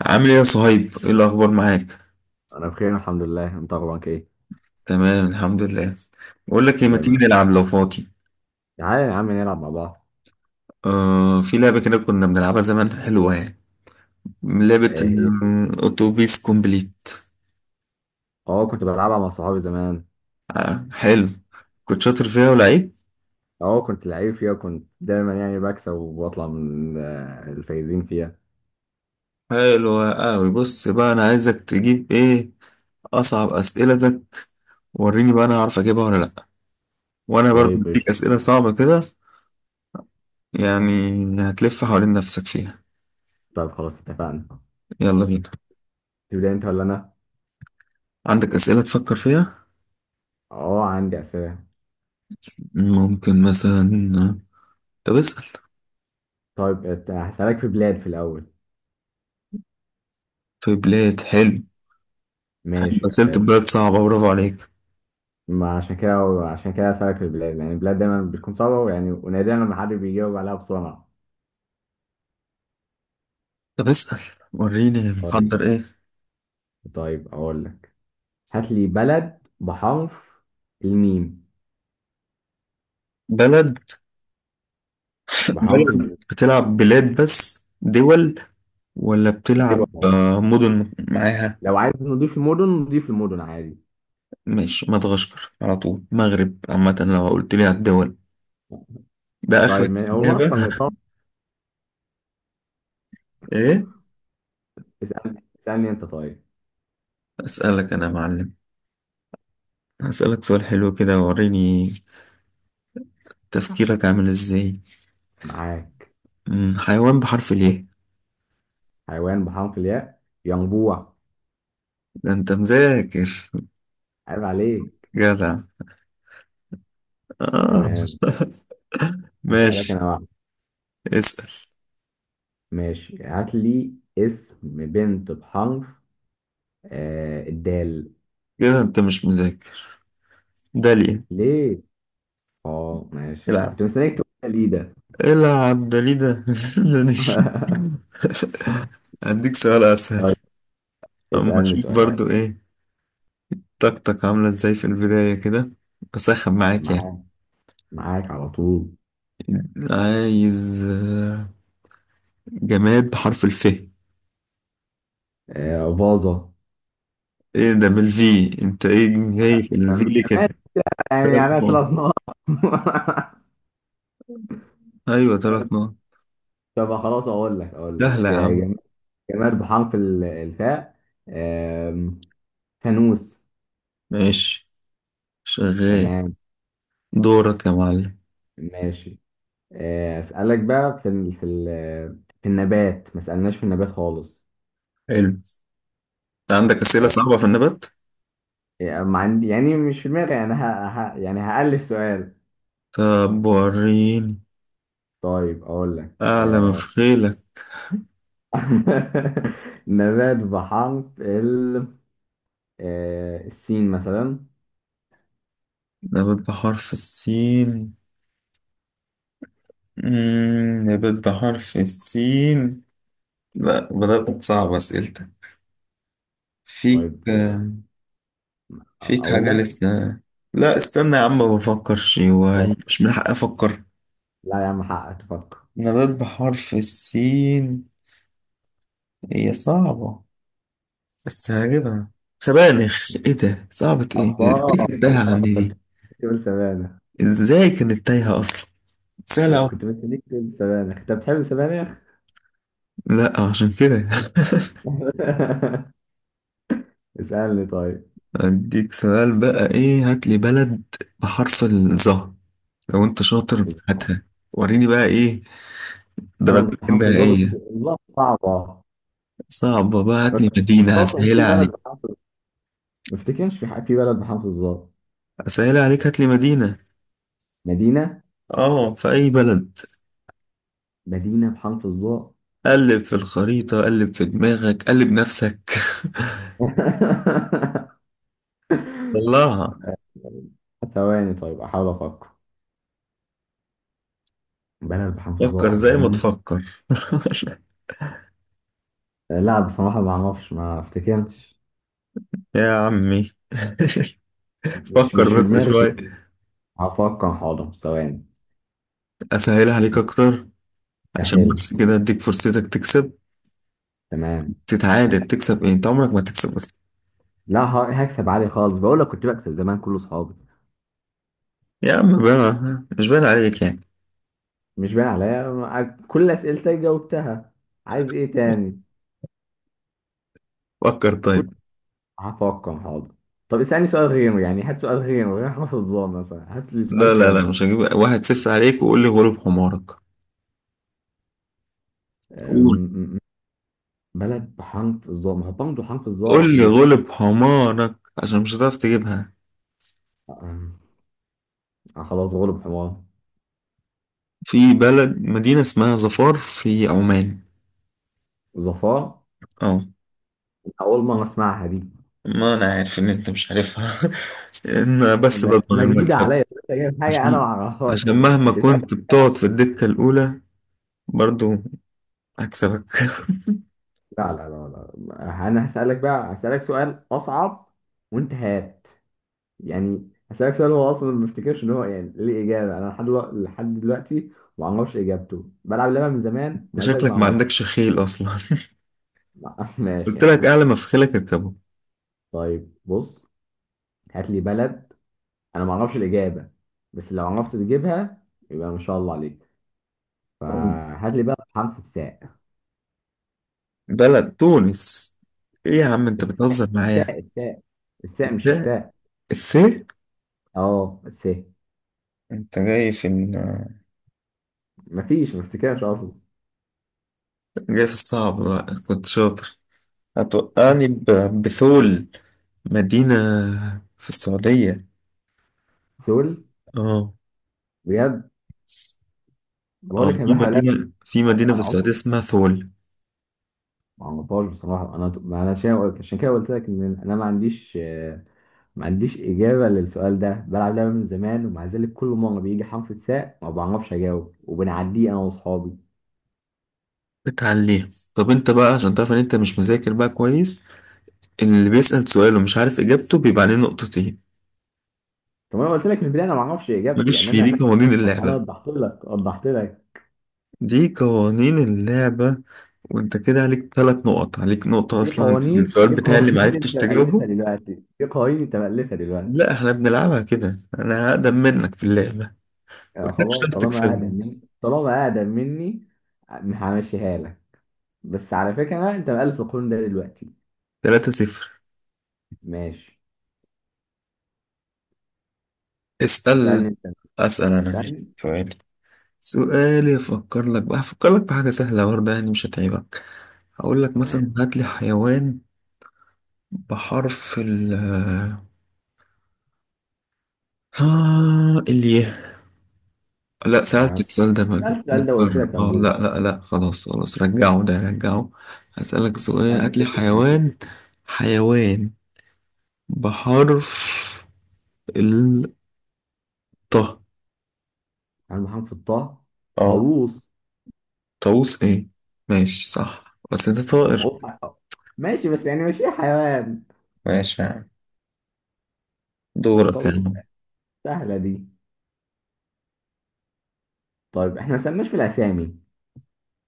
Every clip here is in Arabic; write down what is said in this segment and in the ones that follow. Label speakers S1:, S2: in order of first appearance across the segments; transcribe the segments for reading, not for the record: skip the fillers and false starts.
S1: عامل ايه يا صهيب؟ ايه الأخبار معاك؟
S2: انا بخير، الحمد لله. انت اخبارك ايه؟
S1: تمام الحمد لله. بقول لك ايه، ما تيجي
S2: دايما.
S1: نلعب لو فاضي؟
S2: تعالى يا عم نلعب مع بعض.
S1: آه، في لعبة كده كنا بنلعبها زمان، حلوة يعني. لعبة
S2: ايه هي؟
S1: الأوتوبيس كومبليت.
S2: اه، كنت بلعبها مع صحابي زمان.
S1: آه حلو. كنت شاطر فيها ولعيب.
S2: اه، كنت لعيب فيها. كنت دايما يعني بكسب وبطلع من الفايزين فيها.
S1: حلوة أوي. بص بقى، أنا عايزك تجيب ايه؟ أصعب أسئلتك. وريني بقى، أنا هعرف أجيبها ولا لأ. وأنا برضه
S2: طيب
S1: بديك
S2: ايش؟
S1: أسئلة صعبة كده، يعني هتلف حوالين نفسك فيها.
S2: طيب، خلاص اتفقنا.
S1: يلا بينا.
S2: تبدا انت ولا انا؟
S1: عندك أسئلة تفكر فيها؟
S2: اه، عندي اسئله.
S1: ممكن مثلا. طب اسأل.
S2: طيب، هسالك في بلاد في الاول.
S1: طيبلات حلو.
S2: ماشي.
S1: مثلت بلاد صعبة، برافو عليك.
S2: ما عشان كده. عشان كده هسالك في البلاد، يعني البلاد دايما بتكون صعبه، يعني ونادرا لما حد بيجاوب عليها بسرعه.
S1: طب اسأل. وريني
S2: طيب
S1: محضر
S2: ماشي.
S1: ايه.
S2: طيب اقول لك. هات لي بلد بحرف الميم.
S1: بلد.
S2: بحرف
S1: بلد،
S2: الميم.
S1: بتلعب بلاد بس دول ولا
S2: الدول
S1: بتلعب
S2: أهو.
S1: مدن معاها؟
S2: لو عايز نضيف المدن نضيف المدن عادي.
S1: ماشي، مدغشقر على طول، مغرب عامة، لو قلت لي على الدول ده آخر
S2: طيب، هو ما اصلا
S1: إجابة.
S2: ايطالي.
S1: ايه؟
S2: اسالني انت، طيب.
S1: أسألك أنا يا معلم. هسألك سؤال حلو كده، وريني تفكيرك عامل ازاي.
S2: معاك.
S1: حيوان بحرف ليه.
S2: حيوان بحرف الياء، ينبوع.
S1: ده انت مذاكر.
S2: عيب عليك.
S1: جدع. آه.
S2: تمام. اسالك
S1: ماشي.
S2: انا واحد.
S1: اسأل.
S2: ماشي، هات لي اسم بنت بحرف الدال.
S1: كده انت مش مذاكر. داليا.
S2: ليه؟ اه ماشي،
S1: العب
S2: كنت مستنيك تقول لي ده.
S1: العب داليدا. هديك سؤال اسهل.
S2: طيب،
S1: اما
S2: اسالني
S1: اشوف
S2: سؤال.
S1: برضو، ايه طاقتك عامله ازاي في البدايه كده، اسخن معاك يعني؟
S2: معاك. معاك على طول.
S1: عايز جماد بحرف الف ايه؟
S2: باظة.
S1: ده بالفي انت؟ ايه جاي في الفي
S2: أم-
S1: ليه كده؟
S2: يعني
S1: ثلاث
S2: عليها ثلاث
S1: نقط.
S2: نقط
S1: ايوه، ثلاث نقط.
S2: طب خلاص، اقول لك اقول
S1: سهله
S2: لك
S1: يا عم.
S2: جماد بحرف الفاء. آم، فانوس.
S1: ماشي. شغال.
S2: تمام.
S1: دورك يا معلم.
S2: ماشي. اسالك بقى في ال في النبات. ما سالناش في النبات خالص.
S1: حلو. عندك اسئله
S2: آه،
S1: صعبه في النبات؟
S2: يعني ما عندي، يعني مش في دماغي، يعني يعني هألف سؤال.
S1: طب وريني.
S2: طيب اقول لك.
S1: أعلى بخيلك.
S2: نبات بحرف ال السين مثلا.
S1: نبات بحرف السين. نبات بحرف السين. لا، بدأت تصعب أسئلتك فيك.
S2: طيب
S1: فيك
S2: اقول
S1: حاجة
S2: لك.
S1: لسه. لا استنى يا عم، بفكر شوية.
S2: فكر.
S1: مش من حقي أفكر؟
S2: لا يا عم، حقك تفكر.
S1: نبات بحرف السين. هي صعبة بس هجيبها. سبانخ. إيه ده؟ صعبة إيه
S2: الله
S1: دي؟ كانت تايهة
S2: الله،
S1: عني
S2: كنت
S1: دي.
S2: بتقول سبانخ.
S1: إزاي كانت تايهة أصلا؟ سهلة أوي.
S2: كنت مستنيك تقول سبانخ. انت بتحب السبانخ؟
S1: لا عشان كده.
S2: اسألني طيب.
S1: أديك سؤال بقى، إيه؟ هات لي بلد بحرف الظهر. لو أنت شاطر
S2: بالظبط.
S1: هاتها. وريني بقى إيه
S2: بلد
S1: درجتك
S2: بحرف الظا بس.
S1: النهائية.
S2: الظا صعبة.
S1: صعبة بقى؟
S2: ما
S1: هات لي
S2: افتكرش
S1: مدينة،
S2: اصلا في
S1: هسهلها
S2: بلد
S1: عليك.
S2: بحرف الظا. ما افتكرش في بلد بحرف الظا.
S1: هات لي مدينة.
S2: مدينة.
S1: آه، في أي بلد.
S2: مدينة بحرف الظا.
S1: قلب في الخريطة، قلب في دماغك، قلب نفسك. طلعها.
S2: ثواني، طيب احاول افكر. بلد بحرف الظا
S1: فكر
S2: او
S1: زي ما
S2: مدينة.
S1: تفكر.
S2: لا بصراحة، ما اعرفش، ما افتكرش.
S1: يا عمي،
S2: مش
S1: فكر
S2: مش في
S1: بس
S2: دماغي.
S1: شوية.
S2: هفكر، حاضر، ثواني.
S1: أسهلها عليك أكتر، عشان
S2: سهل.
S1: بس كده أديك فرصتك تكسب،
S2: تمام.
S1: تتعادل،
S2: سهل.
S1: تكسب إيه، أنت عمرك ما تكسب بس؟
S2: لا، هكسب عالي خالص. بقول لك كنت بكسب زمان كل اصحابي.
S1: يا عم بقى، مش باين عليك يعني.
S2: مش باين عليا، كل اسئلتك جاوبتها. عايز ايه تاني؟
S1: فكر
S2: كل.
S1: طيب.
S2: هفكر حاضر. طب اسألني سؤال غيره، يعني هات سؤال غيره غير حرف الظا مثلا. هات لي
S1: لا
S2: سؤال
S1: لا لا،
S2: تاني.
S1: مش هجيب 1-0 عليك وقول لي غلب حمارك. قول،
S2: أم- بلد بحرف الظا، ما هو برضه حرف الظا
S1: قول لي
S2: يعني.
S1: غلب حمارك. عشان مش هتعرف تجيبها.
S2: أم، خلاص، غلب حمار.
S1: في بلد، مدينة اسمها ظفار في عمان.
S2: ظفار؟
S1: اه.
S2: أول مرة أسمعها دي.
S1: ما انا عارف ان انت مش عارفها. انا بس
S2: ما
S1: بضمن
S2: ما جديدة
S1: المكسب.
S2: عليا، لسه جايب حاجة أنا ما
S1: عشان
S2: أعرفهاش
S1: عشان
S2: يعني.
S1: مهما
S2: اسألني
S1: كنت
S2: أنا.
S1: بتقعد في الدكة الأولى، برضو هكسبك.
S2: لا لا لا لا، أنا هسألك بقى، هسألك سؤال أصعب. وأنت هات. يعني هسألك سؤال هو أصلا ما افتكرش إن هو يعني ليه إجابة. أنا لحد دلوقتي ما أعرفش إجابته. بلعب اللعبة من زمان ومزاج ما
S1: شكلك ما عندكش
S2: أعرفش.
S1: خيل أصلا.
S2: لا، ماشي
S1: قلت
S2: يا
S1: لك
S2: عم.
S1: أعلى ما في خيلك اركبه.
S2: طيب بص. هات لي بلد. أنا ما أعرفش الإجابة. بس لو عرفت تجيبها يبقى ما شاء الله عليك. فهات لي بقى حرف الساء.
S1: بلد. تونس. ايه يا عم، انت
S2: الساء،
S1: بتهزر معايا؟
S2: الساء، الساء. الساء مش
S1: الثاء.
S2: التاء.
S1: الثاء.
S2: اه، بس إيه؟
S1: انت
S2: مفيش، ما افتكرش اصلا.
S1: جاي في الصعب بقى، كنت شاطر. هتوقعني بثول، مدينة في السعودية.
S2: سول؟
S1: اه.
S2: بجد؟ بقول
S1: اه،
S2: لك انا بحاول ألعب.
S1: في مدينة في
S2: انا
S1: السعودية
S2: عمري
S1: اسمها ثول.
S2: ما عرفهاش بصراحه. انا ما انا عشان، عشان كده قلت لك ان انا ما عنديش، ما عنديش اجابه للسؤال ده. بلعب لعبه من زمان، ومع ذلك كل مره بيجي حرف الساء ما بعرفش اجاوب، وبنعديه انا واصحابي.
S1: اتعليها. طب انت بقى عشان تعرف ان انت مش مذاكر بقى كويس، اللي بيسأل سؤال ومش عارف اجابته بيبقى عليه نقطتين.
S2: طب انا قلت لك من البدايه انا ما اعرفش اجابته،
S1: ماليش
S2: يعني
S1: في دي،
S2: انا.
S1: قوانين
S2: انا
S1: اللعبة.
S2: وضحت لك.
S1: دي قوانين اللعبة. وانت كده عليك ثلاث نقط، عليك نقطة
S2: دي
S1: أصلا في
S2: قوانين
S1: السؤال
S2: دي
S1: بتاعي اللي
S2: قوانين انت
S1: معرفتش
S2: مألفها
S1: تجاوبه.
S2: دلوقتي. دي قوانين انت مألفها
S1: لا
S2: دلوقتي.
S1: احنا بنلعبها كده. أنا هقدم منك في اللعبة.
S2: يعني
S1: قلت لك مش
S2: خلاص،
S1: هتعرف
S2: طالما اقدم
S1: تكسبني.
S2: مني طالما اقدم مني همشيها لك. بس على فكره بقى، انت مقلب في القانون ده دلوقتي.
S1: 3-0.
S2: ماشي.
S1: اسأل.
S2: اسالني انت.
S1: أسأل أنا؟ ماشي،
S2: اسالني.
S1: سؤالي أفكر لك في حاجة سهلة برضه يعني مش هتعيبك. هقول لك مثلا،
S2: تمام.
S1: هات لي حيوان بحرف ال، الياء. لا،
S2: حيوان.
S1: سألتك السؤال ده
S2: سألت السؤال ده وقلت
S1: متكرر،
S2: لك
S1: اه.
S2: انبوه.
S1: لا لا لا، خلاص خلاص، رجعه ده رجعه. هسألك سؤال، هات
S2: اعمل
S1: لي
S2: شيفت كلمتين.
S1: حيوان. حيوان بحرف الطه.
S2: عن محمد في الطاء.
S1: اه،
S2: طاووس.
S1: طاووس. ايه؟ ماشي صح بس انت طائر.
S2: وطاووس ماشي، بس يعني مش ايه، حيوان؟
S1: ماشي يا عم. دورك يا
S2: طاووس.
S1: عم.
S2: سهله دي. طيب احنا ما سالناش في الاسامي.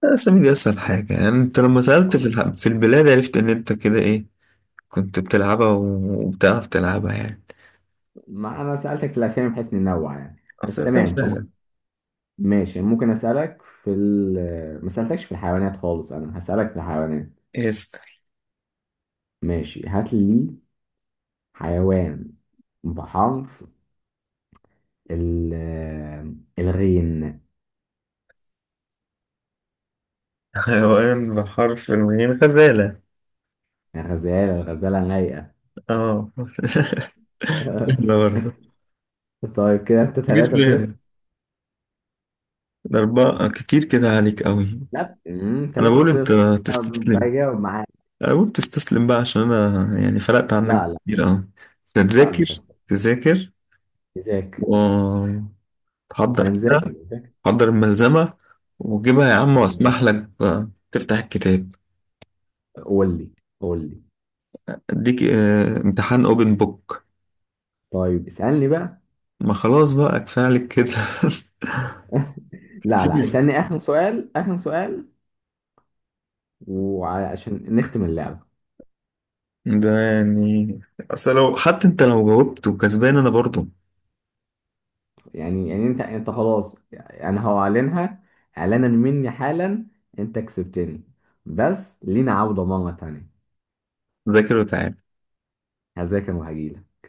S1: الأسامي دي أسهل حاجة يعني. أنت لما سألت في في البلاد عرفت إن أنت كده إيه، كنت بتلعبها وبتعرف تلعبها يعني.
S2: ما انا سالتك في الاسامي بحيث ننوع يعني. بس
S1: أصل الأسامي
S2: تمام،
S1: سهلة.
S2: خلاص. ماشي، ممكن اسالك في ال ما سالتكش في الحيوانات خالص. انا هسالك في الحيوانات.
S1: اسأل.
S2: ماشي، هات لي حيوان بحرف ال الغين.
S1: حيوان بحرف الميم، غزالة.
S2: الغزالة لايقة.
S1: اه. احنا برضه
S2: طيب كده انت
S1: تجيب
S2: 3
S1: ليه
S2: 0.
S1: الأربعة؟ كتير كده عليك قوي.
S2: لا،
S1: أنا
S2: 3
S1: بقول أنت
S2: 0. طب
S1: تستسلم.
S2: بجاوب معاك.
S1: أنا بقول تستسلم بقى، عشان أنا يعني فرقت عنك
S2: لا لا
S1: كتير أوي.
S2: لا،
S1: تذاكر،
S2: مش هسأل.
S1: تذاكر
S2: مذاكر.
S1: وتحضر
S2: انا مذاكر
S1: كده.
S2: مذاكر.
S1: حضر الملزمة وجيبها يا عم،
S2: أهبط.
S1: وأسمح لك بقى تفتح الكتاب.
S2: قول لي. قول لي.
S1: أديك امتحان أوبن بوك.
S2: طيب اسألني بقى.
S1: ما خلاص بقى، كفاية عليك كده.
S2: لا لا،
S1: كتير.
S2: اسألني آخر سؤال، آخر سؤال. وعشان نختم اللعبة.
S1: ده يعني، أصل لو حتى أنت لو جاوبت وكسبان أنا برضه.
S2: يعني انت خلاص، يعني هعلنها اعلانا مني حالا. انت كسبتني. بس لينا عودة مرة تانية.
S1: ذاكر وتعال.
S2: هذاك وهجيلك.